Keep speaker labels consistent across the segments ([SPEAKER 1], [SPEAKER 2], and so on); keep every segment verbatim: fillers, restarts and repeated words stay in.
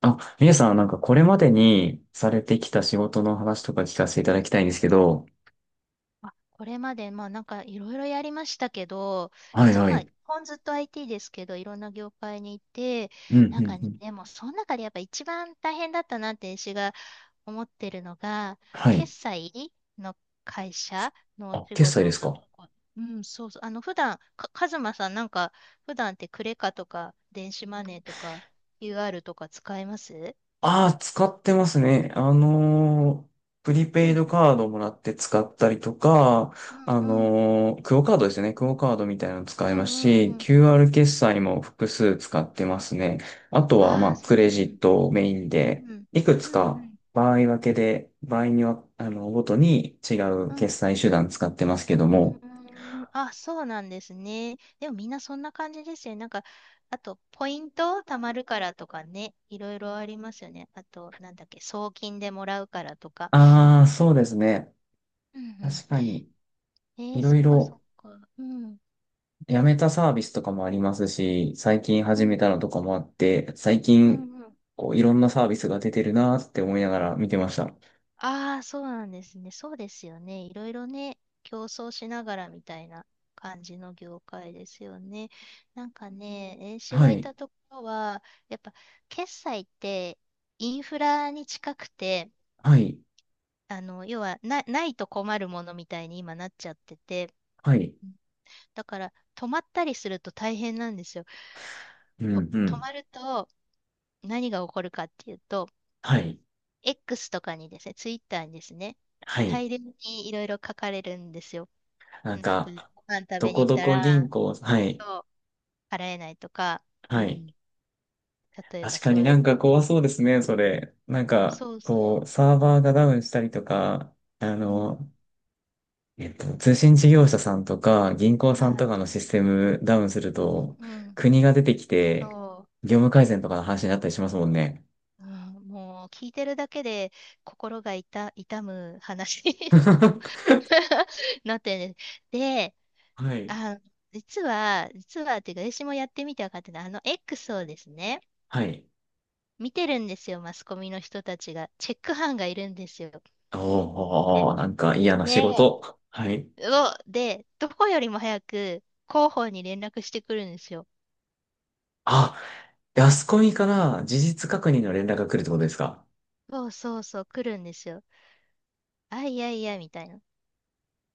[SPEAKER 1] あ、みゆさん、なんかこれまでにされてきた仕事の話とか聞かせていただきたいんですけど。
[SPEAKER 2] あこれまで、まあなんかいろいろやりましたけど、
[SPEAKER 1] はい
[SPEAKER 2] ず、
[SPEAKER 1] は
[SPEAKER 2] まあ、
[SPEAKER 1] い。
[SPEAKER 2] 基本ずっと アイティー ですけど、いろんな業界にいて、
[SPEAKER 1] うん、う
[SPEAKER 2] なん
[SPEAKER 1] ん、
[SPEAKER 2] か
[SPEAKER 1] う
[SPEAKER 2] ね、
[SPEAKER 1] ん。
[SPEAKER 2] でもその中でやっぱ一番大変だったなって私が思ってるのが、
[SPEAKER 1] はい。
[SPEAKER 2] 決済の会社のお
[SPEAKER 1] あ、
[SPEAKER 2] 仕
[SPEAKER 1] 決済で
[SPEAKER 2] 事
[SPEAKER 1] す
[SPEAKER 2] が
[SPEAKER 1] か？
[SPEAKER 2] 結構、うん、そうそう、あの、普段、か、カズマさんなんか、普段ってクレカとか、電子マネーとか、u r とか使えます？
[SPEAKER 1] ああ、使ってますね。あのープリ
[SPEAKER 2] う
[SPEAKER 1] ペイ
[SPEAKER 2] ん、
[SPEAKER 1] ドカードもらって使ったりとか、あ
[SPEAKER 2] うん、うん、
[SPEAKER 1] のークオカードですね。クオカードみたいなの
[SPEAKER 2] う
[SPEAKER 1] 使いま
[SPEAKER 2] ん、
[SPEAKER 1] す
[SPEAKER 2] うん、
[SPEAKER 1] し、
[SPEAKER 2] うん。
[SPEAKER 1] キューアール 決済も複数使ってますね。あとは、ま
[SPEAKER 2] あ
[SPEAKER 1] あ、
[SPEAKER 2] あ、そ
[SPEAKER 1] ク
[SPEAKER 2] うう
[SPEAKER 1] レジッ
[SPEAKER 2] ん、
[SPEAKER 1] トをメインで、
[SPEAKER 2] うん、
[SPEAKER 1] いくつ
[SPEAKER 2] うん、うん、う
[SPEAKER 1] か
[SPEAKER 2] ん。
[SPEAKER 1] 場合分けで、場合には、あの、ごとに違う
[SPEAKER 2] う
[SPEAKER 1] 決
[SPEAKER 2] ん。
[SPEAKER 1] 済手段使ってますけど
[SPEAKER 2] うー
[SPEAKER 1] も。
[SPEAKER 2] ん。あ、そうなんですね。でもみんなそんな感じですよね。なんか、あと、ポイント貯まるからとかね、いろいろありますよね。あと、なんだっけ、送金でもらうからとか。
[SPEAKER 1] ああ、そうですね。
[SPEAKER 2] うん
[SPEAKER 1] 確かに、
[SPEAKER 2] うん。えー、
[SPEAKER 1] いろ
[SPEAKER 2] そっ
[SPEAKER 1] い
[SPEAKER 2] かそっ
[SPEAKER 1] ろ
[SPEAKER 2] か。うん。
[SPEAKER 1] 辞めたサービスとかもありますし、最近
[SPEAKER 2] う
[SPEAKER 1] 始め
[SPEAKER 2] ん。
[SPEAKER 1] たのとかもあって、最
[SPEAKER 2] う
[SPEAKER 1] 近、
[SPEAKER 2] んうん。
[SPEAKER 1] こう、いろんなサービスが出てるなーって思いながら見てました。
[SPEAKER 2] ああ、そうなんですね。そうですよね。いろいろね、競争しながらみたいな感じの業界ですよね。なんかね、絵師
[SPEAKER 1] は
[SPEAKER 2] がい
[SPEAKER 1] い、
[SPEAKER 2] たところは、やっぱ決済ってインフラに近くて、
[SPEAKER 1] はい、
[SPEAKER 2] あの、要はな、ないと困るものみたいに今なっちゃってて、
[SPEAKER 1] はい、
[SPEAKER 2] うん、だから止まったりすると大変なんですよ。
[SPEAKER 1] うん、
[SPEAKER 2] と、
[SPEAKER 1] う
[SPEAKER 2] 止
[SPEAKER 1] ん、
[SPEAKER 2] まると何が起こるかっていうと、
[SPEAKER 1] はい、
[SPEAKER 2] X とかにですね、Twitter にですね、
[SPEAKER 1] はい。
[SPEAKER 2] 大量にいろいろ書かれるんですよ。
[SPEAKER 1] なん
[SPEAKER 2] なんか、
[SPEAKER 1] か、
[SPEAKER 2] ご飯食
[SPEAKER 1] ど
[SPEAKER 2] べ
[SPEAKER 1] こ
[SPEAKER 2] に行っ
[SPEAKER 1] ど
[SPEAKER 2] た
[SPEAKER 1] こ銀
[SPEAKER 2] ら、
[SPEAKER 1] 行、はい、
[SPEAKER 2] そう、払えないとか、う
[SPEAKER 1] はい。
[SPEAKER 2] ん。例えば
[SPEAKER 1] 確か
[SPEAKER 2] そ
[SPEAKER 1] に
[SPEAKER 2] うい
[SPEAKER 1] なん
[SPEAKER 2] う、
[SPEAKER 1] か怖そうですね、それ。なんか、
[SPEAKER 2] そうそ
[SPEAKER 1] こう、
[SPEAKER 2] う、
[SPEAKER 1] サーバーがダウンしたりとか、あ
[SPEAKER 2] うん、
[SPEAKER 1] の、えっと、通信
[SPEAKER 2] そ
[SPEAKER 1] 事業
[SPEAKER 2] う、
[SPEAKER 1] 者さんとか銀行
[SPEAKER 2] は
[SPEAKER 1] さんと
[SPEAKER 2] い、
[SPEAKER 1] かのシステムダウンする
[SPEAKER 2] う
[SPEAKER 1] と、
[SPEAKER 2] ん、うん、
[SPEAKER 1] 国が出てきて、
[SPEAKER 2] そ
[SPEAKER 1] 業務改善とかの話になったりしますもんね。
[SPEAKER 2] う、うん、もう聞いてるだけで心が痛、痛む話 を
[SPEAKER 1] は
[SPEAKER 2] なってるんで、で、
[SPEAKER 1] い。
[SPEAKER 2] あ、実は、実はっていうか、私もやってみて分かってたあの X をですね、
[SPEAKER 1] はい。
[SPEAKER 2] 見てるんですよ、マスコミの人たちが。チェック班がいるんですよ。
[SPEAKER 1] おー、なんか嫌な仕
[SPEAKER 2] で、
[SPEAKER 1] 事。はい。
[SPEAKER 2] を、で、どこよりも早く広報に連絡してくるんですよ。
[SPEAKER 1] あ、であそこみから事実確認の連絡が来るってことですか？
[SPEAKER 2] そうそうそう、来るんですよ。あ、いやいや、みたいな。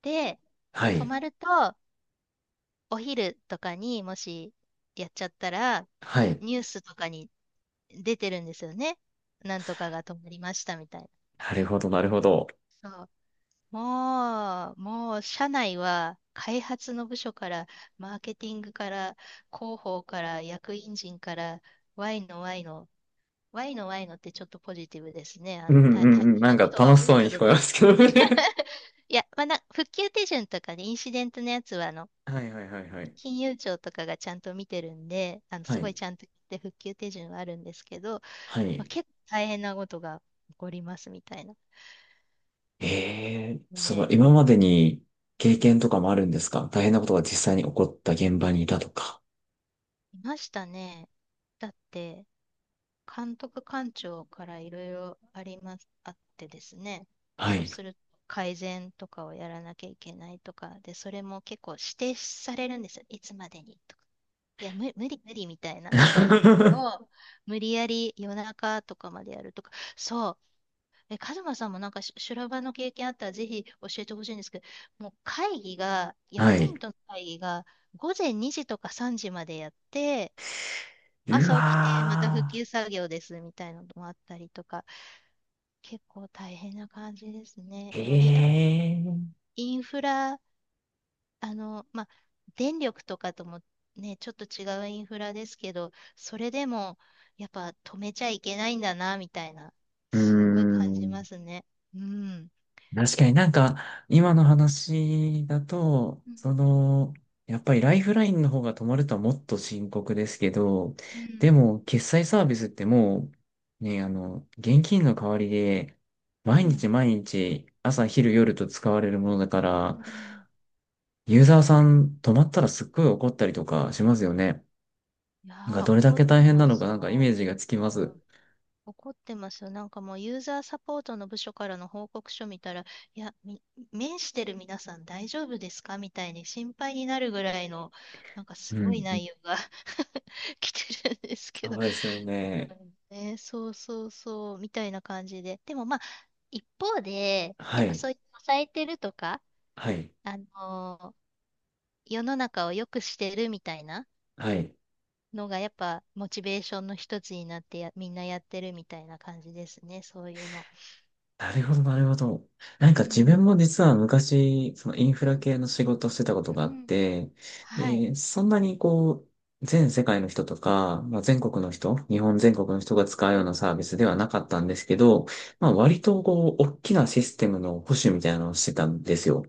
[SPEAKER 2] で、
[SPEAKER 1] は
[SPEAKER 2] 泊
[SPEAKER 1] い。
[SPEAKER 2] まると、お昼とかにもしやっちゃったら、
[SPEAKER 1] はい。
[SPEAKER 2] ニュースとかに出てるんですよね。なんとかが泊まりましたみたいな。
[SPEAKER 1] なるほど、なるほど。
[SPEAKER 2] そう。もう、もう、社内は開発の部署から、マーケティングから、広報から、役員陣から、Y の Y のワイのワイのってちょっとポジティブですね。あ
[SPEAKER 1] うんう
[SPEAKER 2] の、
[SPEAKER 1] ん
[SPEAKER 2] 大大
[SPEAKER 1] うん。
[SPEAKER 2] 変
[SPEAKER 1] なん
[SPEAKER 2] な
[SPEAKER 1] か
[SPEAKER 2] ことが
[SPEAKER 1] 楽
[SPEAKER 2] 起
[SPEAKER 1] し
[SPEAKER 2] こっ
[SPEAKER 1] そうに
[SPEAKER 2] た
[SPEAKER 1] 聞
[SPEAKER 2] ぞ
[SPEAKER 1] こえま
[SPEAKER 2] と。
[SPEAKER 1] すけどね。
[SPEAKER 2] いや、まあ、な、復旧手順とかでインシデントのやつは、あの、
[SPEAKER 1] はいはいはいはい。
[SPEAKER 2] 金融庁とかがちゃんと見てるんで、あの、
[SPEAKER 1] は
[SPEAKER 2] すご
[SPEAKER 1] い。
[SPEAKER 2] いちゃんと言って復旧手順はあるんですけど、
[SPEAKER 1] は
[SPEAKER 2] まあ、
[SPEAKER 1] い。
[SPEAKER 2] 結構大変なことが起こりますみたいな
[SPEAKER 1] ええ、
[SPEAKER 2] の
[SPEAKER 1] その
[SPEAKER 2] で、う
[SPEAKER 1] 今
[SPEAKER 2] ん、
[SPEAKER 1] までに経験とかもあるんですか？大変なことが実際に起こった現場にいたとか。
[SPEAKER 2] いましたね。だって、監督官庁からいろいろあります、あってですね、
[SPEAKER 1] は
[SPEAKER 2] そう
[SPEAKER 1] い。
[SPEAKER 2] すると改善とかをやらなきゃいけないとか、で、それも結構指定されるんですよ。いつまでにとか。いや、無、無理無理みたいな日を 無理やり夜中とかまでやるとか、そう、え、カズマさんもなんかし修羅場の経験あったらぜひ教えてほしいんですけど、もう会議が、
[SPEAKER 1] は
[SPEAKER 2] 役
[SPEAKER 1] い。
[SPEAKER 2] 員との会議が午前にじとかさんじまでやって、
[SPEAKER 1] う
[SPEAKER 2] 朝起きて、また復
[SPEAKER 1] わ
[SPEAKER 2] 旧作業ですみたいなのもあったりとか、結構大変な感じですね。
[SPEAKER 1] ー。
[SPEAKER 2] でもい、やっぱ
[SPEAKER 1] ええ。
[SPEAKER 2] インフラ、あの、まあ、電力とかともね、ちょっと違うインフラですけど、それでも、やっぱ止めちゃいけないんだな、みたいな、
[SPEAKER 1] うー
[SPEAKER 2] すごい感じま
[SPEAKER 1] ん。
[SPEAKER 2] すね。うん。
[SPEAKER 1] 確かになんか、今の話だと、
[SPEAKER 2] うん。
[SPEAKER 1] その、やっぱりライフラインの方が止まるとはもっと深刻ですけど、
[SPEAKER 2] う
[SPEAKER 1] で
[SPEAKER 2] ん。
[SPEAKER 1] も、決済サービスってもう、ね、あの、現金の代わりで、毎
[SPEAKER 2] う
[SPEAKER 1] 日
[SPEAKER 2] ん。
[SPEAKER 1] 毎日、朝、昼、夜と使われるものだか
[SPEAKER 2] う
[SPEAKER 1] ら、
[SPEAKER 2] ん、
[SPEAKER 1] ユーザーさん止まったらすっごい怒ったりとかしますよね。
[SPEAKER 2] いや
[SPEAKER 1] なんか、
[SPEAKER 2] ー、
[SPEAKER 1] どれだ
[SPEAKER 2] 怒っ
[SPEAKER 1] け大
[SPEAKER 2] て
[SPEAKER 1] 変
[SPEAKER 2] ま
[SPEAKER 1] なのか、
[SPEAKER 2] す
[SPEAKER 1] なんかイ
[SPEAKER 2] よ。
[SPEAKER 1] メージがつき
[SPEAKER 2] う
[SPEAKER 1] ます。
[SPEAKER 2] ん、怒ってますよ。なんかもうユーザーサポートの部署からの報告書見たら、いや、み、面してる皆さん大丈夫ですかみたいに心配になるぐらいの、なんかす
[SPEAKER 1] う
[SPEAKER 2] ごい
[SPEAKER 1] ん。うん
[SPEAKER 2] 内容が 来てるんですけ
[SPEAKER 1] そ
[SPEAKER 2] ど。
[SPEAKER 1] うですよ
[SPEAKER 2] う
[SPEAKER 1] ね。
[SPEAKER 2] んね、そうそうそう、みたいな感じで。でもまあ、一方で、や
[SPEAKER 1] は
[SPEAKER 2] っぱ
[SPEAKER 1] い。
[SPEAKER 2] そういう抑えてるとか、
[SPEAKER 1] はい。
[SPEAKER 2] あのー、世の中を良くしてるみたいな
[SPEAKER 1] はい。
[SPEAKER 2] のが、やっぱモチベーションの一つになってやみんなやってるみたいな感じですね、そういうの。
[SPEAKER 1] なるほど、なるほど。なんか
[SPEAKER 2] う
[SPEAKER 1] 自
[SPEAKER 2] んう
[SPEAKER 1] 分も実は昔、そのインフラ
[SPEAKER 2] ん。
[SPEAKER 1] 系の仕事をしてたこ
[SPEAKER 2] う
[SPEAKER 1] とがあ
[SPEAKER 2] ん
[SPEAKER 1] っ
[SPEAKER 2] うん。
[SPEAKER 1] て、
[SPEAKER 2] はい。
[SPEAKER 1] で、そんなにこう、全世界の人とか、まあ、全国の
[SPEAKER 2] うん
[SPEAKER 1] 人、日本全国の人が使うようなサービスではなかったんですけど、まあ割とこう、大きなシステムの保守みたいなのをしてたんですよ。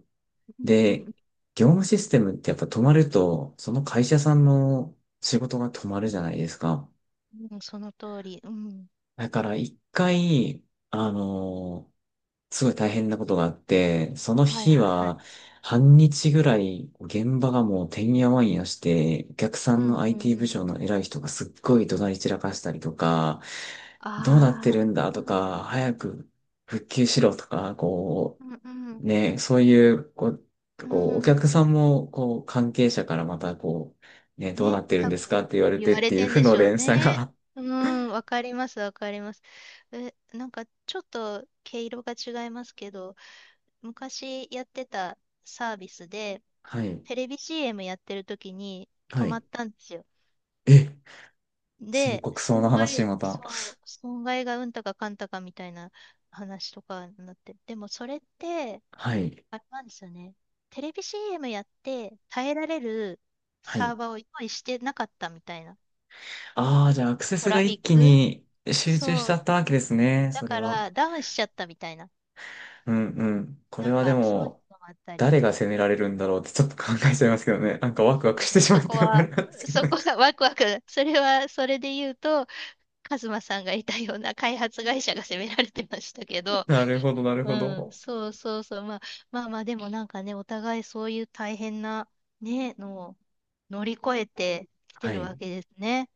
[SPEAKER 2] うんう
[SPEAKER 1] で、
[SPEAKER 2] んう
[SPEAKER 1] 業務システムってやっぱ止まると、その会社さんの仕事が止まるじゃないですか。
[SPEAKER 2] ん、うん、その通り。うん。
[SPEAKER 1] だから一回、あのすごい大変なことがあって、その
[SPEAKER 2] はい
[SPEAKER 1] 日
[SPEAKER 2] はいはい。
[SPEAKER 1] は、半日ぐらい、現場がもうてんやわんやして、お客
[SPEAKER 2] う
[SPEAKER 1] さ
[SPEAKER 2] んう
[SPEAKER 1] んの
[SPEAKER 2] ん
[SPEAKER 1] アイティー
[SPEAKER 2] う
[SPEAKER 1] 部
[SPEAKER 2] ん。
[SPEAKER 1] 署の偉い人がすっごい怒鳴り散らかしたりとか、どうなって
[SPEAKER 2] あ
[SPEAKER 1] るんだと
[SPEAKER 2] あ、
[SPEAKER 1] か、早く復旧しろとか、こ
[SPEAKER 2] うんうんう
[SPEAKER 1] う、
[SPEAKER 2] ん
[SPEAKER 1] ね、そういう、こう、
[SPEAKER 2] う
[SPEAKER 1] こうお
[SPEAKER 2] んうん。
[SPEAKER 1] 客さんも、こう、関係者からまた、こう、ね、どうな
[SPEAKER 2] ね、
[SPEAKER 1] ってるん
[SPEAKER 2] 多
[SPEAKER 1] ですか
[SPEAKER 2] 分
[SPEAKER 1] って言われ
[SPEAKER 2] 言
[SPEAKER 1] て
[SPEAKER 2] わ
[SPEAKER 1] っ
[SPEAKER 2] れ
[SPEAKER 1] てい
[SPEAKER 2] て
[SPEAKER 1] う
[SPEAKER 2] ん
[SPEAKER 1] 負
[SPEAKER 2] で
[SPEAKER 1] の
[SPEAKER 2] しょう
[SPEAKER 1] 連鎖
[SPEAKER 2] ね。
[SPEAKER 1] が。
[SPEAKER 2] うん、わかります、わかります。え、なんかちょっと毛色が違いますけど、昔やってたサービスで、
[SPEAKER 1] はい。
[SPEAKER 2] テレビ シーエム やってる時に止
[SPEAKER 1] は
[SPEAKER 2] ま
[SPEAKER 1] い。
[SPEAKER 2] ったんですよ。
[SPEAKER 1] え、深
[SPEAKER 2] で、
[SPEAKER 1] 刻そうな
[SPEAKER 2] 損
[SPEAKER 1] 話、
[SPEAKER 2] 害、
[SPEAKER 1] また。
[SPEAKER 2] そう、損害がうんたかかんたかみたいな話とかになって、でもそれって、
[SPEAKER 1] はい。
[SPEAKER 2] あれなんですよね。テレビ シーエム やって耐えられる
[SPEAKER 1] は
[SPEAKER 2] サ
[SPEAKER 1] い。
[SPEAKER 2] ーバーを用意してなかったみたいな。
[SPEAKER 1] ああ、じゃあアクセ
[SPEAKER 2] ト
[SPEAKER 1] スが
[SPEAKER 2] ラフィ
[SPEAKER 1] 一
[SPEAKER 2] ッ
[SPEAKER 1] 気
[SPEAKER 2] ク、
[SPEAKER 1] に集中しち
[SPEAKER 2] そ
[SPEAKER 1] ゃ
[SPEAKER 2] う。
[SPEAKER 1] ったわけですね、
[SPEAKER 2] だ
[SPEAKER 1] それ
[SPEAKER 2] か
[SPEAKER 1] は。
[SPEAKER 2] らダウンしちゃったみたいな。
[SPEAKER 1] うんうん。これ
[SPEAKER 2] なん
[SPEAKER 1] はで
[SPEAKER 2] かそういう
[SPEAKER 1] も、
[SPEAKER 2] のもあったり。
[SPEAKER 1] 誰が責められるんだろうってちょっと考えちゃいますけどね。なんかワクワクし
[SPEAKER 2] う
[SPEAKER 1] て
[SPEAKER 2] ん、
[SPEAKER 1] しま
[SPEAKER 2] そ
[SPEAKER 1] っ
[SPEAKER 2] こ
[SPEAKER 1] てあれ
[SPEAKER 2] は、
[SPEAKER 1] なんですけど
[SPEAKER 2] そ
[SPEAKER 1] ね。
[SPEAKER 2] こはワクワク。それは、それで言うと、カズマさんがいたような開発会社が責められてましたけ ど、
[SPEAKER 1] なるほど、なる
[SPEAKER 2] う
[SPEAKER 1] ほ
[SPEAKER 2] ん、
[SPEAKER 1] ど。
[SPEAKER 2] そうそうそう。まあ、まあまあ、でもなんかね、お互いそういう大変な、ね、のを乗り越えてきて
[SPEAKER 1] は
[SPEAKER 2] るわ
[SPEAKER 1] い。
[SPEAKER 2] けですね。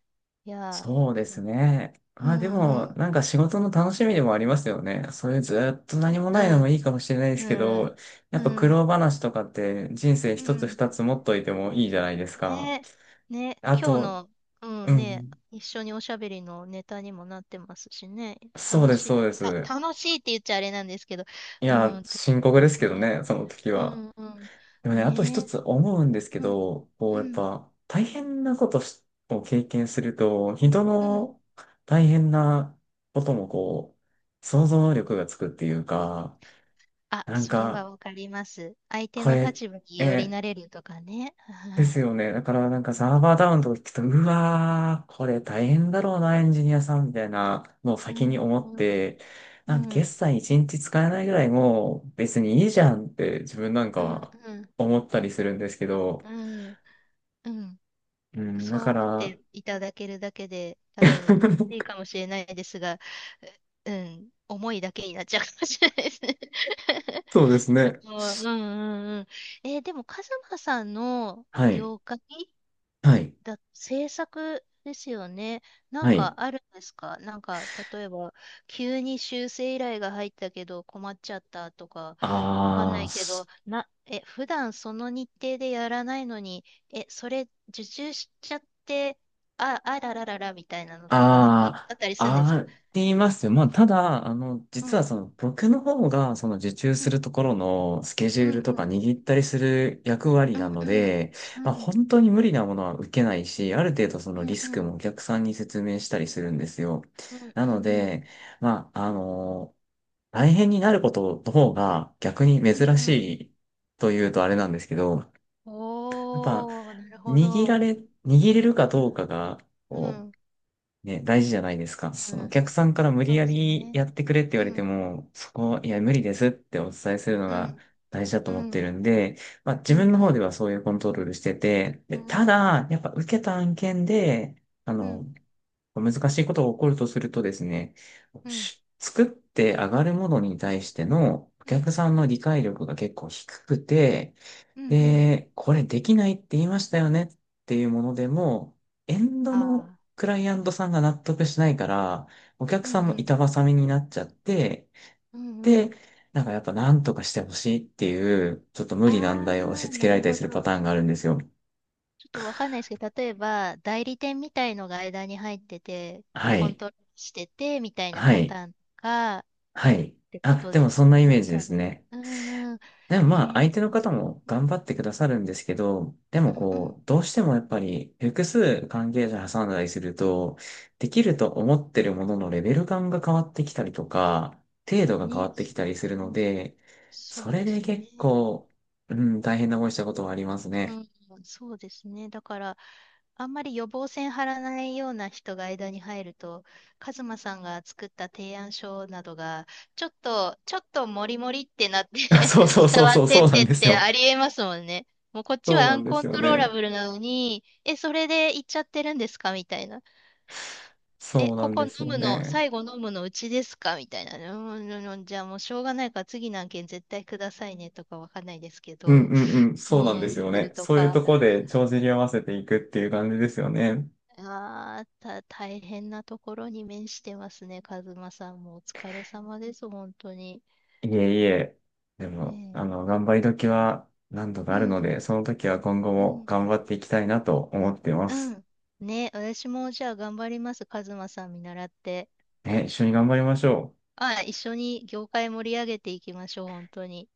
[SPEAKER 2] いや
[SPEAKER 1] そうで
[SPEAKER 2] ー、
[SPEAKER 1] すね。
[SPEAKER 2] う
[SPEAKER 1] まあで
[SPEAKER 2] んう
[SPEAKER 1] も、
[SPEAKER 2] ん、
[SPEAKER 1] なんか仕事の楽しみでもありますよね。そういうずっと何も
[SPEAKER 2] う
[SPEAKER 1] ないのも
[SPEAKER 2] ん、
[SPEAKER 1] いいかもしれないです
[SPEAKER 2] う
[SPEAKER 1] けど、
[SPEAKER 2] ん、
[SPEAKER 1] やっぱ
[SPEAKER 2] う
[SPEAKER 1] 苦
[SPEAKER 2] ん、
[SPEAKER 1] 労話とかって人生
[SPEAKER 2] う
[SPEAKER 1] 一つ
[SPEAKER 2] ん。
[SPEAKER 1] 二つ持っといてもいいじゃないですか。
[SPEAKER 2] ね、ね、
[SPEAKER 1] あ
[SPEAKER 2] 今日
[SPEAKER 1] と、
[SPEAKER 2] の、う
[SPEAKER 1] う
[SPEAKER 2] んね、
[SPEAKER 1] ん。
[SPEAKER 2] 一緒におしゃべりのネタにもなってますしね、
[SPEAKER 1] そう
[SPEAKER 2] 楽
[SPEAKER 1] です、
[SPEAKER 2] しい、
[SPEAKER 1] そうです。
[SPEAKER 2] た、楽しいって言っちゃあれなんですけど、
[SPEAKER 1] い
[SPEAKER 2] う
[SPEAKER 1] や、
[SPEAKER 2] ん、と
[SPEAKER 1] 深刻
[SPEAKER 2] 思いま
[SPEAKER 1] です
[SPEAKER 2] す
[SPEAKER 1] けど
[SPEAKER 2] ね。
[SPEAKER 1] ね、その時
[SPEAKER 2] う
[SPEAKER 1] は。
[SPEAKER 2] ん、うん、
[SPEAKER 1] でもね、あと
[SPEAKER 2] ね
[SPEAKER 1] 一
[SPEAKER 2] え、
[SPEAKER 1] つ思うんですけ
[SPEAKER 2] うん、
[SPEAKER 1] ど、こう、
[SPEAKER 2] う
[SPEAKER 1] やっ
[SPEAKER 2] ん、
[SPEAKER 1] ぱ、大変なことしを経験すると、人
[SPEAKER 2] うん。
[SPEAKER 1] の大変なこともこう、想像力がつくっていうか、
[SPEAKER 2] あ、
[SPEAKER 1] なん
[SPEAKER 2] それ
[SPEAKER 1] か、
[SPEAKER 2] はわかります。相手
[SPEAKER 1] こ
[SPEAKER 2] の
[SPEAKER 1] れ、
[SPEAKER 2] 立場により
[SPEAKER 1] え
[SPEAKER 2] なれるとかね。
[SPEAKER 1] で
[SPEAKER 2] は
[SPEAKER 1] す
[SPEAKER 2] い。
[SPEAKER 1] よね。だからなんかサーバーダウンとか聞くと、うわー、これ大変だろうな、エンジニアさんみたいなのを
[SPEAKER 2] う
[SPEAKER 1] 先
[SPEAKER 2] ん、
[SPEAKER 1] に思っ
[SPEAKER 2] う
[SPEAKER 1] て、なんか
[SPEAKER 2] ん、うん、
[SPEAKER 1] 決済一日使えないぐらいもう別にいいじゃんって自分なんか
[SPEAKER 2] うん、
[SPEAKER 1] は
[SPEAKER 2] うん、
[SPEAKER 1] 思ったりするんですけど、
[SPEAKER 2] うん。うん、
[SPEAKER 1] うん、
[SPEAKER 2] そ
[SPEAKER 1] だ
[SPEAKER 2] う
[SPEAKER 1] か
[SPEAKER 2] 思っ
[SPEAKER 1] ら、
[SPEAKER 2] ていただけるだけで、多分嬉しい かもしれないですが、ううん、思いだけになっちゃうかもしれないですね。
[SPEAKER 1] そうです ね。
[SPEAKER 2] もう、うん、うん、うん。えーでも、カズマさんの
[SPEAKER 1] はい。
[SPEAKER 2] 業界
[SPEAKER 1] はい。
[SPEAKER 2] だ、制作ですよね。なん
[SPEAKER 1] はい。
[SPEAKER 2] かあるんですか？なんか、例えば、急に修正依頼が入ったけど困っちゃったとか、わかんな
[SPEAKER 1] ああ。
[SPEAKER 2] いけど、な、え、普段その日程でやらないのに、え、それ受注しちゃって、あ、あららららみたいなのとか、なんかあっ
[SPEAKER 1] あ
[SPEAKER 2] たりするんです
[SPEAKER 1] あ、
[SPEAKER 2] か？
[SPEAKER 1] ありますよ。まあ、ただ、あの、
[SPEAKER 2] う
[SPEAKER 1] 実はそ
[SPEAKER 2] ん、
[SPEAKER 1] の、僕の方が、その受注
[SPEAKER 2] う
[SPEAKER 1] す
[SPEAKER 2] ん、
[SPEAKER 1] るところのスケジ
[SPEAKER 2] う
[SPEAKER 1] ュー
[SPEAKER 2] ん、
[SPEAKER 1] ル
[SPEAKER 2] う
[SPEAKER 1] とか
[SPEAKER 2] ん、
[SPEAKER 1] 握ったりする役割
[SPEAKER 2] う
[SPEAKER 1] な
[SPEAKER 2] ん、
[SPEAKER 1] の
[SPEAKER 2] うん、
[SPEAKER 1] で、
[SPEAKER 2] う
[SPEAKER 1] まあ、
[SPEAKER 2] ん、
[SPEAKER 1] 本当に無理なものは受けないし、ある程度そ
[SPEAKER 2] う
[SPEAKER 1] のリ
[SPEAKER 2] ん、う
[SPEAKER 1] スクも
[SPEAKER 2] ん、
[SPEAKER 1] お客さんに説明したりするんですよ。
[SPEAKER 2] うん、う
[SPEAKER 1] な
[SPEAKER 2] ん、
[SPEAKER 1] の
[SPEAKER 2] うん、
[SPEAKER 1] で、まあ、あの、大変になることの方が逆に
[SPEAKER 2] うん、
[SPEAKER 1] 珍
[SPEAKER 2] う
[SPEAKER 1] し
[SPEAKER 2] ん。
[SPEAKER 1] いというとあれなんですけど、やっぱ、
[SPEAKER 2] おー、なるほ
[SPEAKER 1] 握ら
[SPEAKER 2] ど。
[SPEAKER 1] れ、握れるか
[SPEAKER 2] う
[SPEAKER 1] どう
[SPEAKER 2] ん、
[SPEAKER 1] かが、
[SPEAKER 2] う
[SPEAKER 1] こ
[SPEAKER 2] ん。
[SPEAKER 1] うね、大事じゃないですか。
[SPEAKER 2] う
[SPEAKER 1] そのお
[SPEAKER 2] ん、
[SPEAKER 1] 客さんから無
[SPEAKER 2] そ
[SPEAKER 1] 理
[SPEAKER 2] う
[SPEAKER 1] や
[SPEAKER 2] です
[SPEAKER 1] り
[SPEAKER 2] ね。
[SPEAKER 1] やってくれって言
[SPEAKER 2] う
[SPEAKER 1] われて
[SPEAKER 2] ん、
[SPEAKER 1] も、そこ、いや、無理ですってお伝えするの
[SPEAKER 2] う
[SPEAKER 1] が
[SPEAKER 2] ん、
[SPEAKER 1] 大事だと
[SPEAKER 2] う
[SPEAKER 1] 思って
[SPEAKER 2] ん、
[SPEAKER 1] るんで、まあ自
[SPEAKER 2] う
[SPEAKER 1] 分
[SPEAKER 2] ん、
[SPEAKER 1] の
[SPEAKER 2] う
[SPEAKER 1] 方で
[SPEAKER 2] ん、
[SPEAKER 1] はそういうコントロールしてて、
[SPEAKER 2] う
[SPEAKER 1] で、
[SPEAKER 2] ん、
[SPEAKER 1] た
[SPEAKER 2] うん、
[SPEAKER 1] だ、やっぱ受けた案件で、あ
[SPEAKER 2] う
[SPEAKER 1] の、
[SPEAKER 2] ん、
[SPEAKER 1] 難しいことが起こるとするとですね、
[SPEAKER 2] うん、うん、
[SPEAKER 1] し作って上がるものに対してのお客さんの理解力が結構低くて、
[SPEAKER 2] うん、うん、
[SPEAKER 1] で、これできないって言いましたよねっていうものでも、エンドの
[SPEAKER 2] ああ、
[SPEAKER 1] クライアントさんが納得しないから、お客
[SPEAKER 2] うん、う
[SPEAKER 1] さんも
[SPEAKER 2] ん、
[SPEAKER 1] 板挟みになっちゃって、
[SPEAKER 2] うん、う
[SPEAKER 1] で、
[SPEAKER 2] ん。
[SPEAKER 1] なんかやっぱ何とかしてほしいっていう、ちょっと無理難題を押
[SPEAKER 2] あ
[SPEAKER 1] し
[SPEAKER 2] あ、
[SPEAKER 1] 付け
[SPEAKER 2] な
[SPEAKER 1] ら
[SPEAKER 2] る
[SPEAKER 1] れたり
[SPEAKER 2] ほ
[SPEAKER 1] す
[SPEAKER 2] ど。
[SPEAKER 1] るパターンがあ
[SPEAKER 2] ち
[SPEAKER 1] るんですよ。
[SPEAKER 2] ょっとわかんないですけど、例えば、代理店みたいのが間に入ってて、
[SPEAKER 1] は
[SPEAKER 2] コン
[SPEAKER 1] い。
[SPEAKER 2] トロールしてて、みたいな
[SPEAKER 1] は
[SPEAKER 2] パ
[SPEAKER 1] い。
[SPEAKER 2] ターンとか、っ
[SPEAKER 1] はい。
[SPEAKER 2] てこ
[SPEAKER 1] あ、
[SPEAKER 2] と
[SPEAKER 1] で
[SPEAKER 2] で
[SPEAKER 1] も
[SPEAKER 2] す
[SPEAKER 1] そん
[SPEAKER 2] よ
[SPEAKER 1] なイメ
[SPEAKER 2] ね、
[SPEAKER 1] ージで
[SPEAKER 2] 多
[SPEAKER 1] す
[SPEAKER 2] 分。
[SPEAKER 1] ね。
[SPEAKER 2] うんうん。
[SPEAKER 1] でも
[SPEAKER 2] え
[SPEAKER 1] まあ、
[SPEAKER 2] ー、
[SPEAKER 1] 相
[SPEAKER 2] で
[SPEAKER 1] 手の
[SPEAKER 2] も、
[SPEAKER 1] 方も頑張ってくださるんですけど、で
[SPEAKER 2] う
[SPEAKER 1] も
[SPEAKER 2] んうん。
[SPEAKER 1] こう、どうしてもやっぱり複数関係者挟んだりすると、できると思ってるもののレベル感が変わってきたりとか、程度が変わ
[SPEAKER 2] ね。
[SPEAKER 1] ってきたりする
[SPEAKER 2] う
[SPEAKER 1] の
[SPEAKER 2] ん、
[SPEAKER 1] で、そ
[SPEAKER 2] そう
[SPEAKER 1] れ
[SPEAKER 2] で
[SPEAKER 1] で
[SPEAKER 2] す
[SPEAKER 1] 結
[SPEAKER 2] ね。
[SPEAKER 1] 構、うん、大変な思いしたことはあります
[SPEAKER 2] う
[SPEAKER 1] ね。
[SPEAKER 2] ん、そうですね。だから、あんまり予防線張らないような人が間に入ると、カズマさんが作った提案書などが、ちょっと、ちょっとモリモリってなって
[SPEAKER 1] そうそうそ
[SPEAKER 2] 伝
[SPEAKER 1] う
[SPEAKER 2] わ
[SPEAKER 1] そ
[SPEAKER 2] っ
[SPEAKER 1] う、
[SPEAKER 2] て
[SPEAKER 1] そ
[SPEAKER 2] っ
[SPEAKER 1] うな
[SPEAKER 2] て
[SPEAKER 1] ん
[SPEAKER 2] っ
[SPEAKER 1] です
[SPEAKER 2] て
[SPEAKER 1] よ。
[SPEAKER 2] ありえますもんね。もうこっち
[SPEAKER 1] そ
[SPEAKER 2] は
[SPEAKER 1] う
[SPEAKER 2] ア
[SPEAKER 1] なん
[SPEAKER 2] ン
[SPEAKER 1] で
[SPEAKER 2] コ
[SPEAKER 1] す
[SPEAKER 2] ン
[SPEAKER 1] よ
[SPEAKER 2] トローラ
[SPEAKER 1] ね。
[SPEAKER 2] ブルなのに、え、それで行っちゃってるんですかみたいな。え、
[SPEAKER 1] そうな
[SPEAKER 2] こ
[SPEAKER 1] ん
[SPEAKER 2] こ
[SPEAKER 1] で
[SPEAKER 2] 飲
[SPEAKER 1] すよ
[SPEAKER 2] むの、
[SPEAKER 1] ね。
[SPEAKER 2] 最後飲むのうちですかみたいな。うん、うんうん、じゃあもうしょうがないから次の案件絶対くださいねとかわかんないですけ
[SPEAKER 1] うん
[SPEAKER 2] ど、
[SPEAKER 1] うんうん、
[SPEAKER 2] う
[SPEAKER 1] そうなん
[SPEAKER 2] ー
[SPEAKER 1] で
[SPEAKER 2] ん、
[SPEAKER 1] すよ
[SPEAKER 2] す
[SPEAKER 1] ね。
[SPEAKER 2] ると
[SPEAKER 1] そういう
[SPEAKER 2] か。
[SPEAKER 1] とこで帳尻合わせていくっていう感じですよね。
[SPEAKER 2] ああ、た、大変なところに面してますね、カズマさんも。お疲れ様です、本当に。
[SPEAKER 1] いえいえ、でも、
[SPEAKER 2] ね
[SPEAKER 1] あの、頑張り時は何度か
[SPEAKER 2] え。う
[SPEAKER 1] あるの
[SPEAKER 2] ん、
[SPEAKER 1] で、その時は今後
[SPEAKER 2] う
[SPEAKER 1] も
[SPEAKER 2] ん、
[SPEAKER 1] 頑張っていきたいなと思ってま
[SPEAKER 2] う
[SPEAKER 1] す。
[SPEAKER 2] ん。ね、私もじゃあ頑張ります、カズマさん見習って。
[SPEAKER 1] ね、一緒に頑張りましょう。
[SPEAKER 2] ああ、一緒に業界盛り上げていきましょう、本当に。